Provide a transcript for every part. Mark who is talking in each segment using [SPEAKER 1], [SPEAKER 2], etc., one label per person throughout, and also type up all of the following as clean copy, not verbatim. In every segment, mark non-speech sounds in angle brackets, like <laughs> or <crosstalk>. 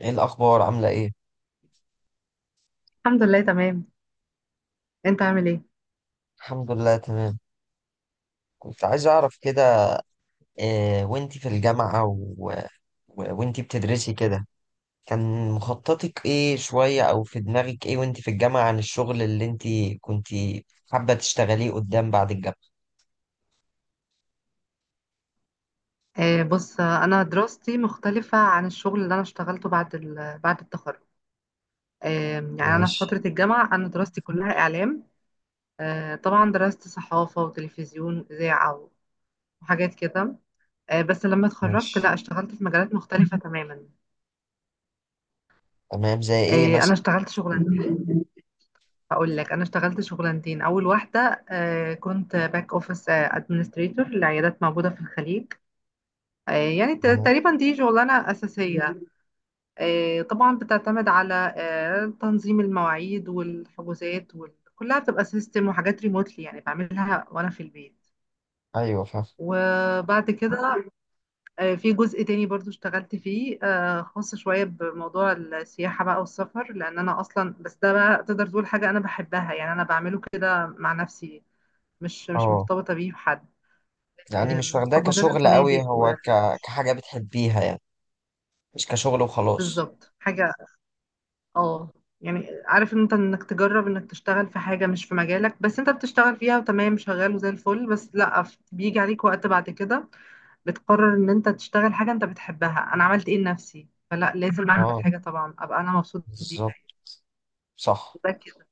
[SPEAKER 1] ايه الاخبار؟ عامله ايه؟
[SPEAKER 2] الحمد لله تمام. انت عامل ايه؟
[SPEAKER 1] الحمد لله تمام. كنت عايز اعرف كده. إيه، وانتي في الجامعه وانتي بتدرسي كده، كان مخططك ايه شويه، او في دماغك ايه وانتي في الجامعه عن الشغل اللي انتي كنتي حابه تشتغليه قدام بعد الجامعه؟
[SPEAKER 2] بص، انا دراستي مختلفة عن الشغل اللي انا اشتغلته بعد التخرج. آه يعني انا في
[SPEAKER 1] ماشي.
[SPEAKER 2] فترة الجامعة انا دراستي كلها اعلام. طبعا درست صحافة وتلفزيون اذاعة وحاجات كده. بس لما اتخرجت،
[SPEAKER 1] ماشي.
[SPEAKER 2] لا، اشتغلت في مجالات مختلفة تماما.
[SPEAKER 1] تمام، زي ايه
[SPEAKER 2] انا
[SPEAKER 1] مثلا؟
[SPEAKER 2] اشتغلت شغلانتين. هقول لك، انا اشتغلت شغلانتين. اول واحدة، كنت باك اوفيس ادمنستريتور لعيادات موجودة في الخليج. يعني
[SPEAKER 1] تمام.
[SPEAKER 2] تقريبا دي شغلانة أساسية. طبعا بتعتمد على تنظيم المواعيد والحجوزات وال... كلها بتبقى سيستم وحاجات ريموتلي، يعني بعملها وانا في البيت.
[SPEAKER 1] ايوه، فاهم.
[SPEAKER 2] وبعد كده في جزء تاني برضو اشتغلت فيه، خاص شوية بموضوع السياحة بقى والسفر، لأن أنا أصلا بس ده بقى تقدر تقول حاجة أنا بحبها، يعني أنا بعمله كده مع نفسي، مش
[SPEAKER 1] اه،
[SPEAKER 2] مرتبطة بيه بحد.
[SPEAKER 1] يعني مش واخداه
[SPEAKER 2] حجوزات
[SPEAKER 1] كشغل قوي،
[SPEAKER 2] الفنادق
[SPEAKER 1] هو كحاجه بتحبيها يعني، مش كشغل وخلاص.
[SPEAKER 2] بالظبط، حاجة. اه، يعني عارف ان انت انك تجرب انك تشتغل في حاجة مش في مجالك، بس انت بتشتغل فيها وتمام، شغال وزي الفل، بس لا، بيجي عليك وقت بعد كده بتقرر ان انت تشتغل حاجة انت بتحبها. انا عملت ايه لنفسي؟ فلا، لازم اعمل
[SPEAKER 1] اه،
[SPEAKER 2] حاجة طبعا ابقى انا مبسوط بيها.
[SPEAKER 1] بالظبط. صح.
[SPEAKER 2] ده كده.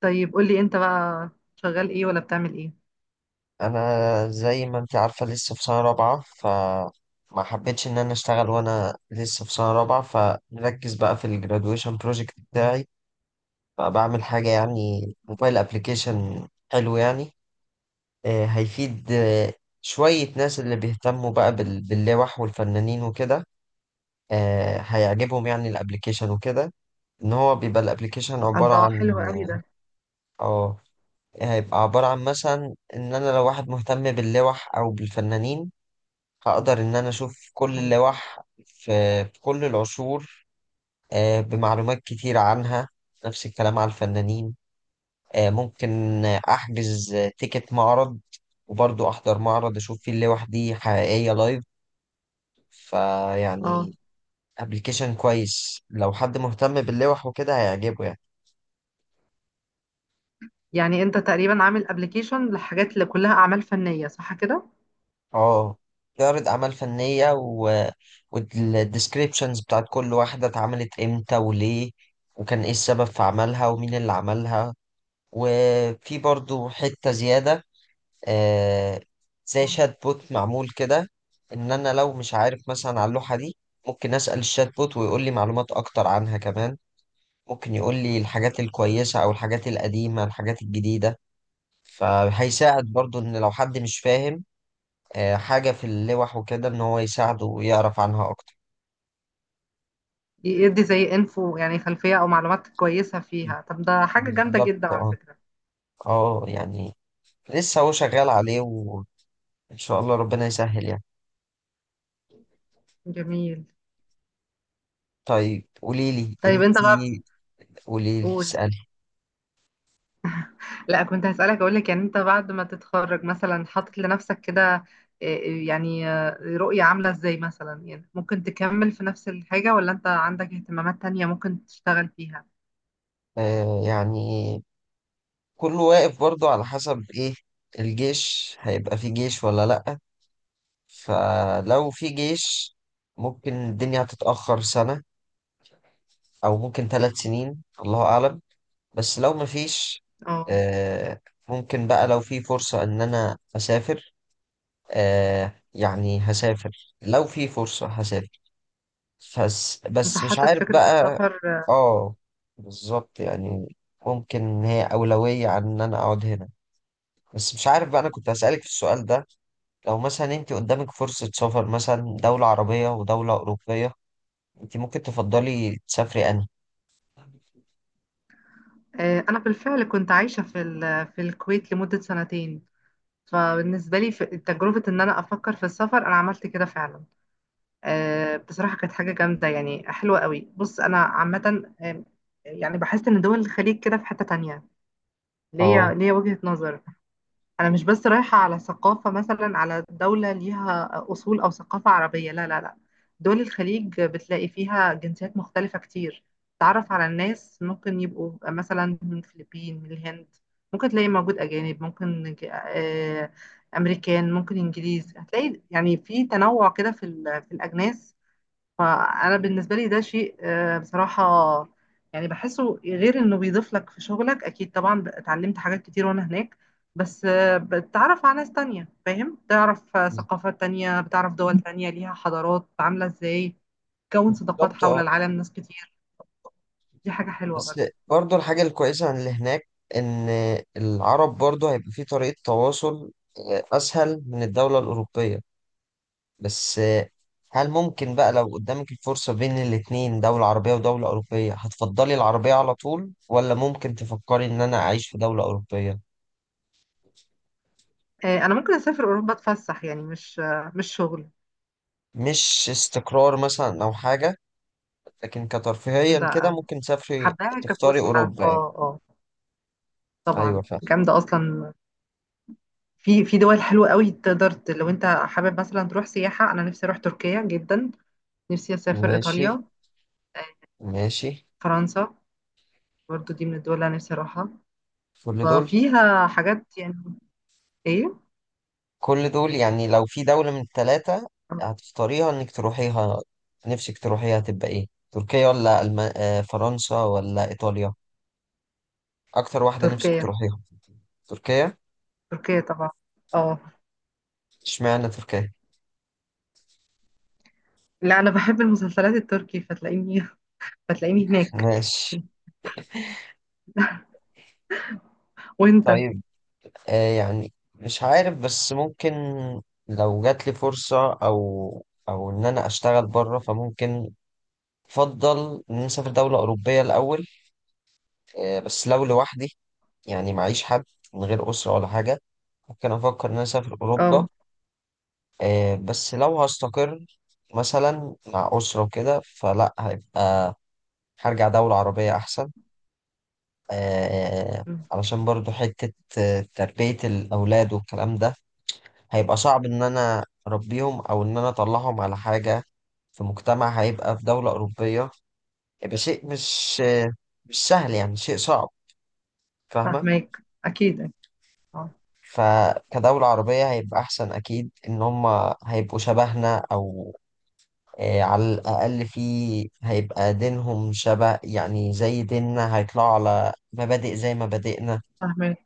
[SPEAKER 2] طيب قولي انت بقى، شغال ايه ولا بتعمل ايه؟
[SPEAKER 1] انا زي ما انت عارفه لسه في سنه رابعه، فما حبيتش ان انا اشتغل وانا لسه في سنه رابعه، فمركز بقى في الجرادويشن بروجكت بتاعي. فبعمل حاجه يعني، موبايل ابلكيشن حلو يعني. هيفيد. شويه ناس اللي بيهتموا بقى باللوح والفنانين وكده. هيعجبهم يعني الابلكيشن وكده. ان هو بيبقى الابلكيشن عباره
[SPEAKER 2] الله،
[SPEAKER 1] عن،
[SPEAKER 2] حلو قوي ده.
[SPEAKER 1] اه، هيبقى عباره عن مثلا ان انا لو واحد مهتم باللوح او بالفنانين، هقدر إن أنا أشوف كل
[SPEAKER 2] ايوه.
[SPEAKER 1] اللوح في كل العصور، بمعلومات كتير عنها. نفس الكلام على الفنانين. ممكن أحجز تيكت معرض، وبرضه أحضر معرض أشوف فيه اللوح دي حقيقية لايف.
[SPEAKER 2] اه،
[SPEAKER 1] فيعني، أبلكيشن كويس لو حد مهتم باللوح وكده هيعجبه يعني.
[SPEAKER 2] يعني انت تقريبا عامل ابلكيشن للحاجات اللي كلها اعمال فنية، صح كده؟
[SPEAKER 1] اه، تعرض أعمال فنية والديسكريبشنز بتاعت كل واحدة اتعملت إمتى وليه، وكان إيه السبب في عملها ومين اللي عملها. وفي برضو حتة زيادة، آه، زي شات بوت معمول كده، ان انا لو مش عارف مثلا على اللوحة دي، ممكن اسأل الشات بوت ويقول لي معلومات اكتر عنها كمان. ممكن يقول لي الحاجات الكويسة او الحاجات القديمة، الحاجات الجديدة. فهيساعد برضو ان لو حد مش فاهم حاجة في اللوح وكده، ان هو يساعده ويعرف عنها اكتر.
[SPEAKER 2] يدي زي انفو، يعني خلفية او معلومات كويسة فيها. طب ده حاجة جامدة
[SPEAKER 1] بالظبط.
[SPEAKER 2] جدا على
[SPEAKER 1] اه.
[SPEAKER 2] فكرة.
[SPEAKER 1] اه، يعني لسه هو شغال عليه، وان شاء الله ربنا يسهل يعني.
[SPEAKER 2] جميل.
[SPEAKER 1] طيب، قولي لي
[SPEAKER 2] طيب
[SPEAKER 1] انت.
[SPEAKER 2] انت بقى،
[SPEAKER 1] قولي لي،
[SPEAKER 2] بتقول.
[SPEAKER 1] اسألي.
[SPEAKER 2] لا، كنت هسألك، اقول لك يعني انت بعد ما تتخرج مثلا حاطط لنفسك كده إيه، يعني رؤية عاملة ازاي مثلا؟ يعني ممكن تكمل في نفس الحاجة ولا انت عندك اهتمامات تانية ممكن تشتغل فيها؟
[SPEAKER 1] يعني كله واقف برضو على حسب ايه، الجيش هيبقى في جيش ولا لأ. فلو في جيش، ممكن الدنيا هتتأخر سنة، أو ممكن 3 سنين. الله أعلم. بس لو مفيش،
[SPEAKER 2] اه،
[SPEAKER 1] آه ممكن بقى لو في فرصة إن أنا أسافر. يعني هسافر، لو في فرصة هسافر. بس
[SPEAKER 2] انت
[SPEAKER 1] بس مش
[SPEAKER 2] حاطط
[SPEAKER 1] عارف
[SPEAKER 2] فكرة
[SPEAKER 1] بقى.
[SPEAKER 2] السفر.
[SPEAKER 1] اه، بالظبط، يعني ممكن ان هي أولوية عن ان انا اقعد هنا. بس مش عارف بقى، انا كنت هسألك في السؤال ده. لو مثلا انت قدامك فرصة سفر مثلا دولة عربية ودولة أوروبية، انت ممكن تفضلي تسافري انهي؟
[SPEAKER 2] انا بالفعل كنت عايشة في الكويت لمدة سنتين. فبالنسبة لي تجربة ان انا افكر في السفر، انا عملت كده فعلا. بصراحة كانت حاجة جامدة، يعني حلوة قوي. بص أنا عامة، يعني بحس إن دول الخليج كده في حتة تانية.
[SPEAKER 1] اه،
[SPEAKER 2] ليا وجهة نظر. أنا مش بس رايحة على ثقافة مثلا على دولة ليها أصول أو ثقافة عربية، لا لا لا. دول الخليج بتلاقي فيها جنسيات مختلفة كتير. تعرف على الناس، ممكن يبقوا مثلا من الفلبين، من الهند، ممكن تلاقي موجود أجانب، ممكن أمريكان، ممكن إنجليز. هتلاقي يعني في تنوع كده في الأجناس. فانا بالنسبه لي ده شيء، بصراحه، يعني بحسه، غير انه بيضيف لك في شغلك، اكيد طبعا اتعلمت حاجات كتير وانا هناك. بس بتتعرف على ناس تانية، فاهم، تعرف ثقافات تانية، بتعرف دول تانية ليها حضارات عامله ازاي، تكون صداقات
[SPEAKER 1] بالظبط.
[SPEAKER 2] حول
[SPEAKER 1] اه،
[SPEAKER 2] العالم، ناس كتير. دي حاجه حلوه
[SPEAKER 1] بس
[SPEAKER 2] برضه.
[SPEAKER 1] برضو الحاجة الكويسة عن اللي هناك، إن العرب برضو هيبقى في طريقة تواصل أسهل من الدولة الأوروبية. بس، هل ممكن بقى لو قدامك الفرصة بين الاتنين دولة عربية ودولة أوروبية هتفضلي العربية على طول ولا ممكن تفكري إن أنا أعيش في دولة أوروبية؟
[SPEAKER 2] انا ممكن اسافر اوروبا اتفسح، يعني مش مش شغل.
[SPEAKER 1] مش استقرار مثلا أو حاجة، لكن كترفيهيا كده
[SPEAKER 2] لا،
[SPEAKER 1] ممكن تسافري
[SPEAKER 2] حباها
[SPEAKER 1] تختاري
[SPEAKER 2] كفسحه،
[SPEAKER 1] أوروبا يعني؟
[SPEAKER 2] اه، اه.
[SPEAKER 1] أيوة،
[SPEAKER 2] طبعا
[SPEAKER 1] فاهم.
[SPEAKER 2] جامده اصلا. في في دول حلوة قوي، تقدر لو انت حابب مثلا تروح سياحة. انا نفسي اروح تركيا جدا، نفسي اسافر
[SPEAKER 1] ماشي.
[SPEAKER 2] ايطاليا، آه،
[SPEAKER 1] ماشي.
[SPEAKER 2] فرنسا. برضو دي من الدول اللي انا نفسي اروحها.
[SPEAKER 1] كل دول.
[SPEAKER 2] ففيها حاجات يعني. ايه.
[SPEAKER 1] كل دول يعني، لو في دولة من التلاتة
[SPEAKER 2] آه،
[SPEAKER 1] هتختاريها إنك تروحيها، نفسك تروحيها هتبقى إيه؟ تركيا ولا ألم... آه، فرنسا ولا إيطاليا؟ أكتر واحدة نفسك
[SPEAKER 2] تركيا.
[SPEAKER 1] تروحيها. تركيا.
[SPEAKER 2] تركيا طبعا. اه.
[SPEAKER 1] اشمعنى تركيا؟
[SPEAKER 2] لا، انا بحب المسلسلات التركي فتلاقيني <laughs> فتلاقيني هناك.
[SPEAKER 1] ماشي.
[SPEAKER 2] <laughs> وانت؟
[SPEAKER 1] طيب. يعني مش عارف، بس ممكن لو جات لي فرصة او ان انا اشتغل بره، فممكن افضل ان أنا اسافر دولة اوروبية الاول. بس لو لوحدي، يعني معيش حد، من غير اسرة ولا حاجة، ممكن افكر ان انا اسافر
[SPEAKER 2] اه،
[SPEAKER 1] اوروبا. بس لو هستقر مثلا مع اسرة وكده، فلا هيبقى، هرجع دولة عربية احسن. آه، علشان برضو حتة تربية الأولاد والكلام ده، هيبقى صعب إن أنا أربيهم أو إن أنا أطلعهم على حاجة في مجتمع، هيبقى في دولة أوروبية هيبقى شيء مش مش سهل يعني، شيء صعب. فاهمة؟
[SPEAKER 2] فاهمك اكيد. اه،
[SPEAKER 1] فكدولة عربية هيبقى أحسن أكيد، إن هما هيبقوا شبهنا، أو على الأقل في، هيبقى دينهم شبه يعني زي ديننا، هيطلعوا على مبادئ زي مبادئنا.
[SPEAKER 2] فاهمك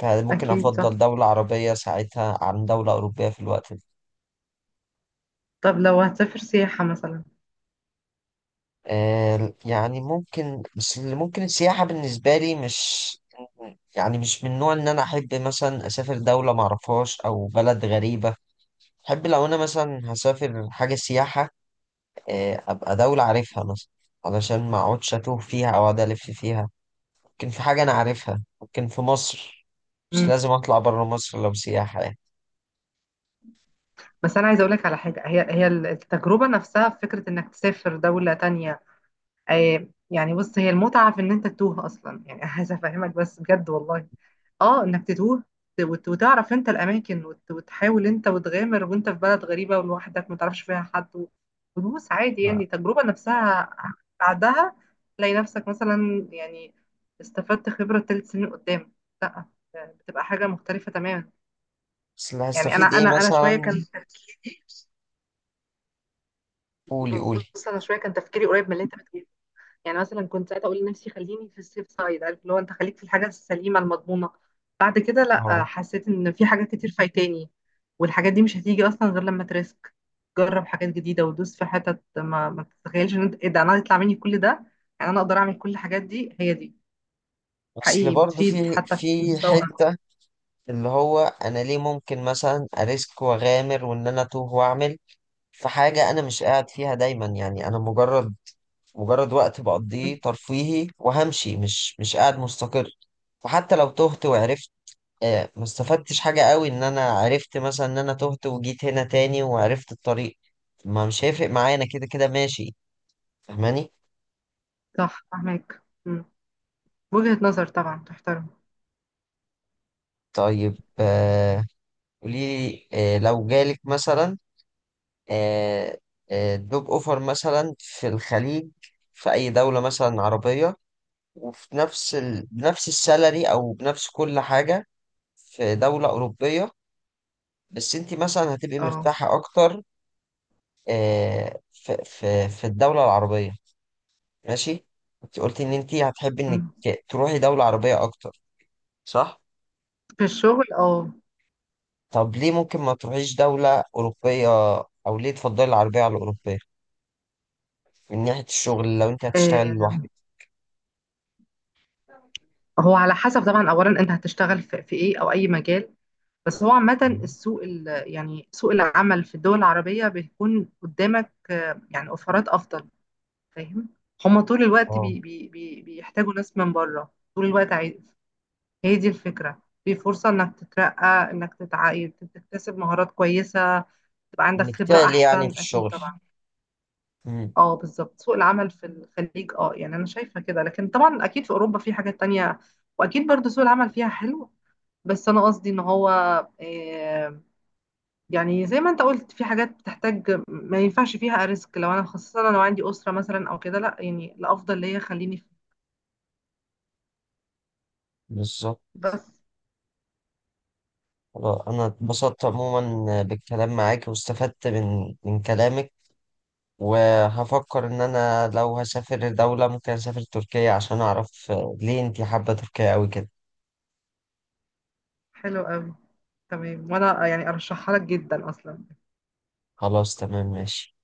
[SPEAKER 1] فممكن
[SPEAKER 2] اكيد، صح.
[SPEAKER 1] أفضل دولة عربية ساعتها عن دولة أوروبية في الوقت ده.
[SPEAKER 2] طب لو هتسافر سياحة مثلا،
[SPEAKER 1] يعني ممكن، بس اللي ممكن السياحة بالنسبة لي مش، يعني مش من نوع إن أنا أحب مثلا أسافر دولة معرفهاش أو بلد غريبة. أحب لو أنا مثلا هسافر حاجة سياحة، أبقى دولة عارفها مثلا، علشان ما أقعدش أتوه فيها أو أقعد ألف فيها. ممكن في حاجة أنا عارفها، ممكن في مصر، مش لازم أطلع برا مصر لو سياحة يعني.
[SPEAKER 2] بس انا عايزه اقول لك على حاجه، هي التجربه نفسها في فكره انك تسافر دوله تانية. يعني بص، هي المتعه في ان انت تتوه اصلا، يعني <laughs> عايزه افهمك بس بجد والله. اه، انك تتوه وت- وتعرف انت الاماكن، وت- وتحاول انت وتغامر وانت في بلد غريبه ولوحدك ما تعرفش فيها حد، وتدوس عادي.
[SPEAKER 1] ما-
[SPEAKER 2] يعني التجربه نفسها بعدها تلاقي نفسك مثلا، يعني استفدت خبره 3 سنين قدام. لا، بتبقى حاجه مختلفه تماما.
[SPEAKER 1] بس اللي
[SPEAKER 2] يعني انا
[SPEAKER 1] هستفيد إيه
[SPEAKER 2] انا انا شويه كان
[SPEAKER 1] مثلا؟
[SPEAKER 2] <laughs> تفكيري.
[SPEAKER 1] قولي، قولي.
[SPEAKER 2] بص انا شويه كان تفكيري قريب من اللي انت بتقوله. يعني مثلا كنت ساعتها اقول لنفسي خليني في السيف سايد، عارف اللي هو انت خليك في الحاجه السليمه المضمونه. بعد كده لا،
[SPEAKER 1] أهو.
[SPEAKER 2] حسيت ان في حاجات كتير فايتاني، والحاجات دي مش هتيجي اصلا غير لما تريسك. جرب حاجات جديده ودوس في حتت ما تتخيلش ان انت ايه ده، انا يطلع مني كل ده؟ يعني انا اقدر اعمل كل الحاجات دي. هي دي
[SPEAKER 1] اصل
[SPEAKER 2] حقيقي
[SPEAKER 1] برضه
[SPEAKER 2] بتفيد
[SPEAKER 1] في
[SPEAKER 2] حتى في
[SPEAKER 1] في
[SPEAKER 2] مستوى.
[SPEAKER 1] حته، اللي هو، انا ليه ممكن مثلا اريسك واغامر وان انا اتوه واعمل في حاجه انا مش قاعد فيها دايما، يعني انا مجرد، مجرد وقت
[SPEAKER 2] مم.
[SPEAKER 1] بقضيه ترفيهي وهمشي، مش قاعد مستقر. فحتى لو تهت وعرفت، ما استفدتش حاجه قوي ان انا عرفت مثلا ان انا تهت وجيت هنا تاني وعرفت الطريق. ما مش هيفرق معايا، انا كده كده ماشي. فاهماني؟
[SPEAKER 2] صح، فاهمك. مم. وجهه نظر طبعا تحترم.
[SPEAKER 1] طيب، قولي لي، لو جالك مثلا آه، جوب اوفر مثلا في الخليج، في اي دولة مثلا عربية، وفي نفس بنفس السالري او بنفس كل حاجة في دولة اوروبية، بس انت مثلا هتبقي
[SPEAKER 2] اه.
[SPEAKER 1] مرتاحة اكتر في الدولة العربية. ماشي. انت قلتي ان انت هتحبي انك
[SPEAKER 2] مم.
[SPEAKER 1] تروحي دولة عربية اكتر، صح؟
[SPEAKER 2] في الشغل، اه.
[SPEAKER 1] طب، ليه ممكن ما تروحيش دولة اوروبية، او ليه تفضلي العربية على الاوروبية من ناحية الشغل لو انت هتشتغلي
[SPEAKER 2] آه،
[SPEAKER 1] لوحدك؟
[SPEAKER 2] هو على حسب طبعا، اولا انت هتشتغل في ايه او اي مجال؟ بس هو عامة السوق ال- يعني سوق العمل في الدول العربية بيكون قدامك، يعني اوفرات افضل، فاهم؟ هما طول الوقت
[SPEAKER 1] اه.
[SPEAKER 2] بي بي بي بيحتاجوا ناس من بره طول الوقت، عايز. هي دي الفكرة، في فرصة انك تترقى، انك تتعاقد، تكتسب مهارات كويسة، تبقى عندك خبرة
[SPEAKER 1] نجتهد يعني في
[SPEAKER 2] احسن اكيد
[SPEAKER 1] الشغل.
[SPEAKER 2] طبعا.
[SPEAKER 1] مم.
[SPEAKER 2] اه بالظبط، سوق العمل في الخليج اه، يعني انا شايفة كده. لكن طبعا اكيد في اوروبا في حاجات تانية، واكيد برضو سوق العمل فيها حلو. بس انا قصدي ان هو آه، يعني زي ما انت قلت، في حاجات بتحتاج ما ينفعش فيها ريسك، لو انا خاصة لو عندي أسرة مثلا او كده، لا، يعني الافضل ليا خليني في.
[SPEAKER 1] بالظبط.
[SPEAKER 2] بس
[SPEAKER 1] خلاص. أنا اتبسطت عموما بالكلام معاك، واستفدت من كلامك، وهفكر إن أنا لو هسافر دولة ممكن أسافر تركيا عشان أعرف ليه أنتي حابة تركيا أوي كده.
[SPEAKER 2] حلو قوي. تمام، وانا يعني ارشحها لك جدا اصلا.
[SPEAKER 1] خلاص، تمام، ماشي.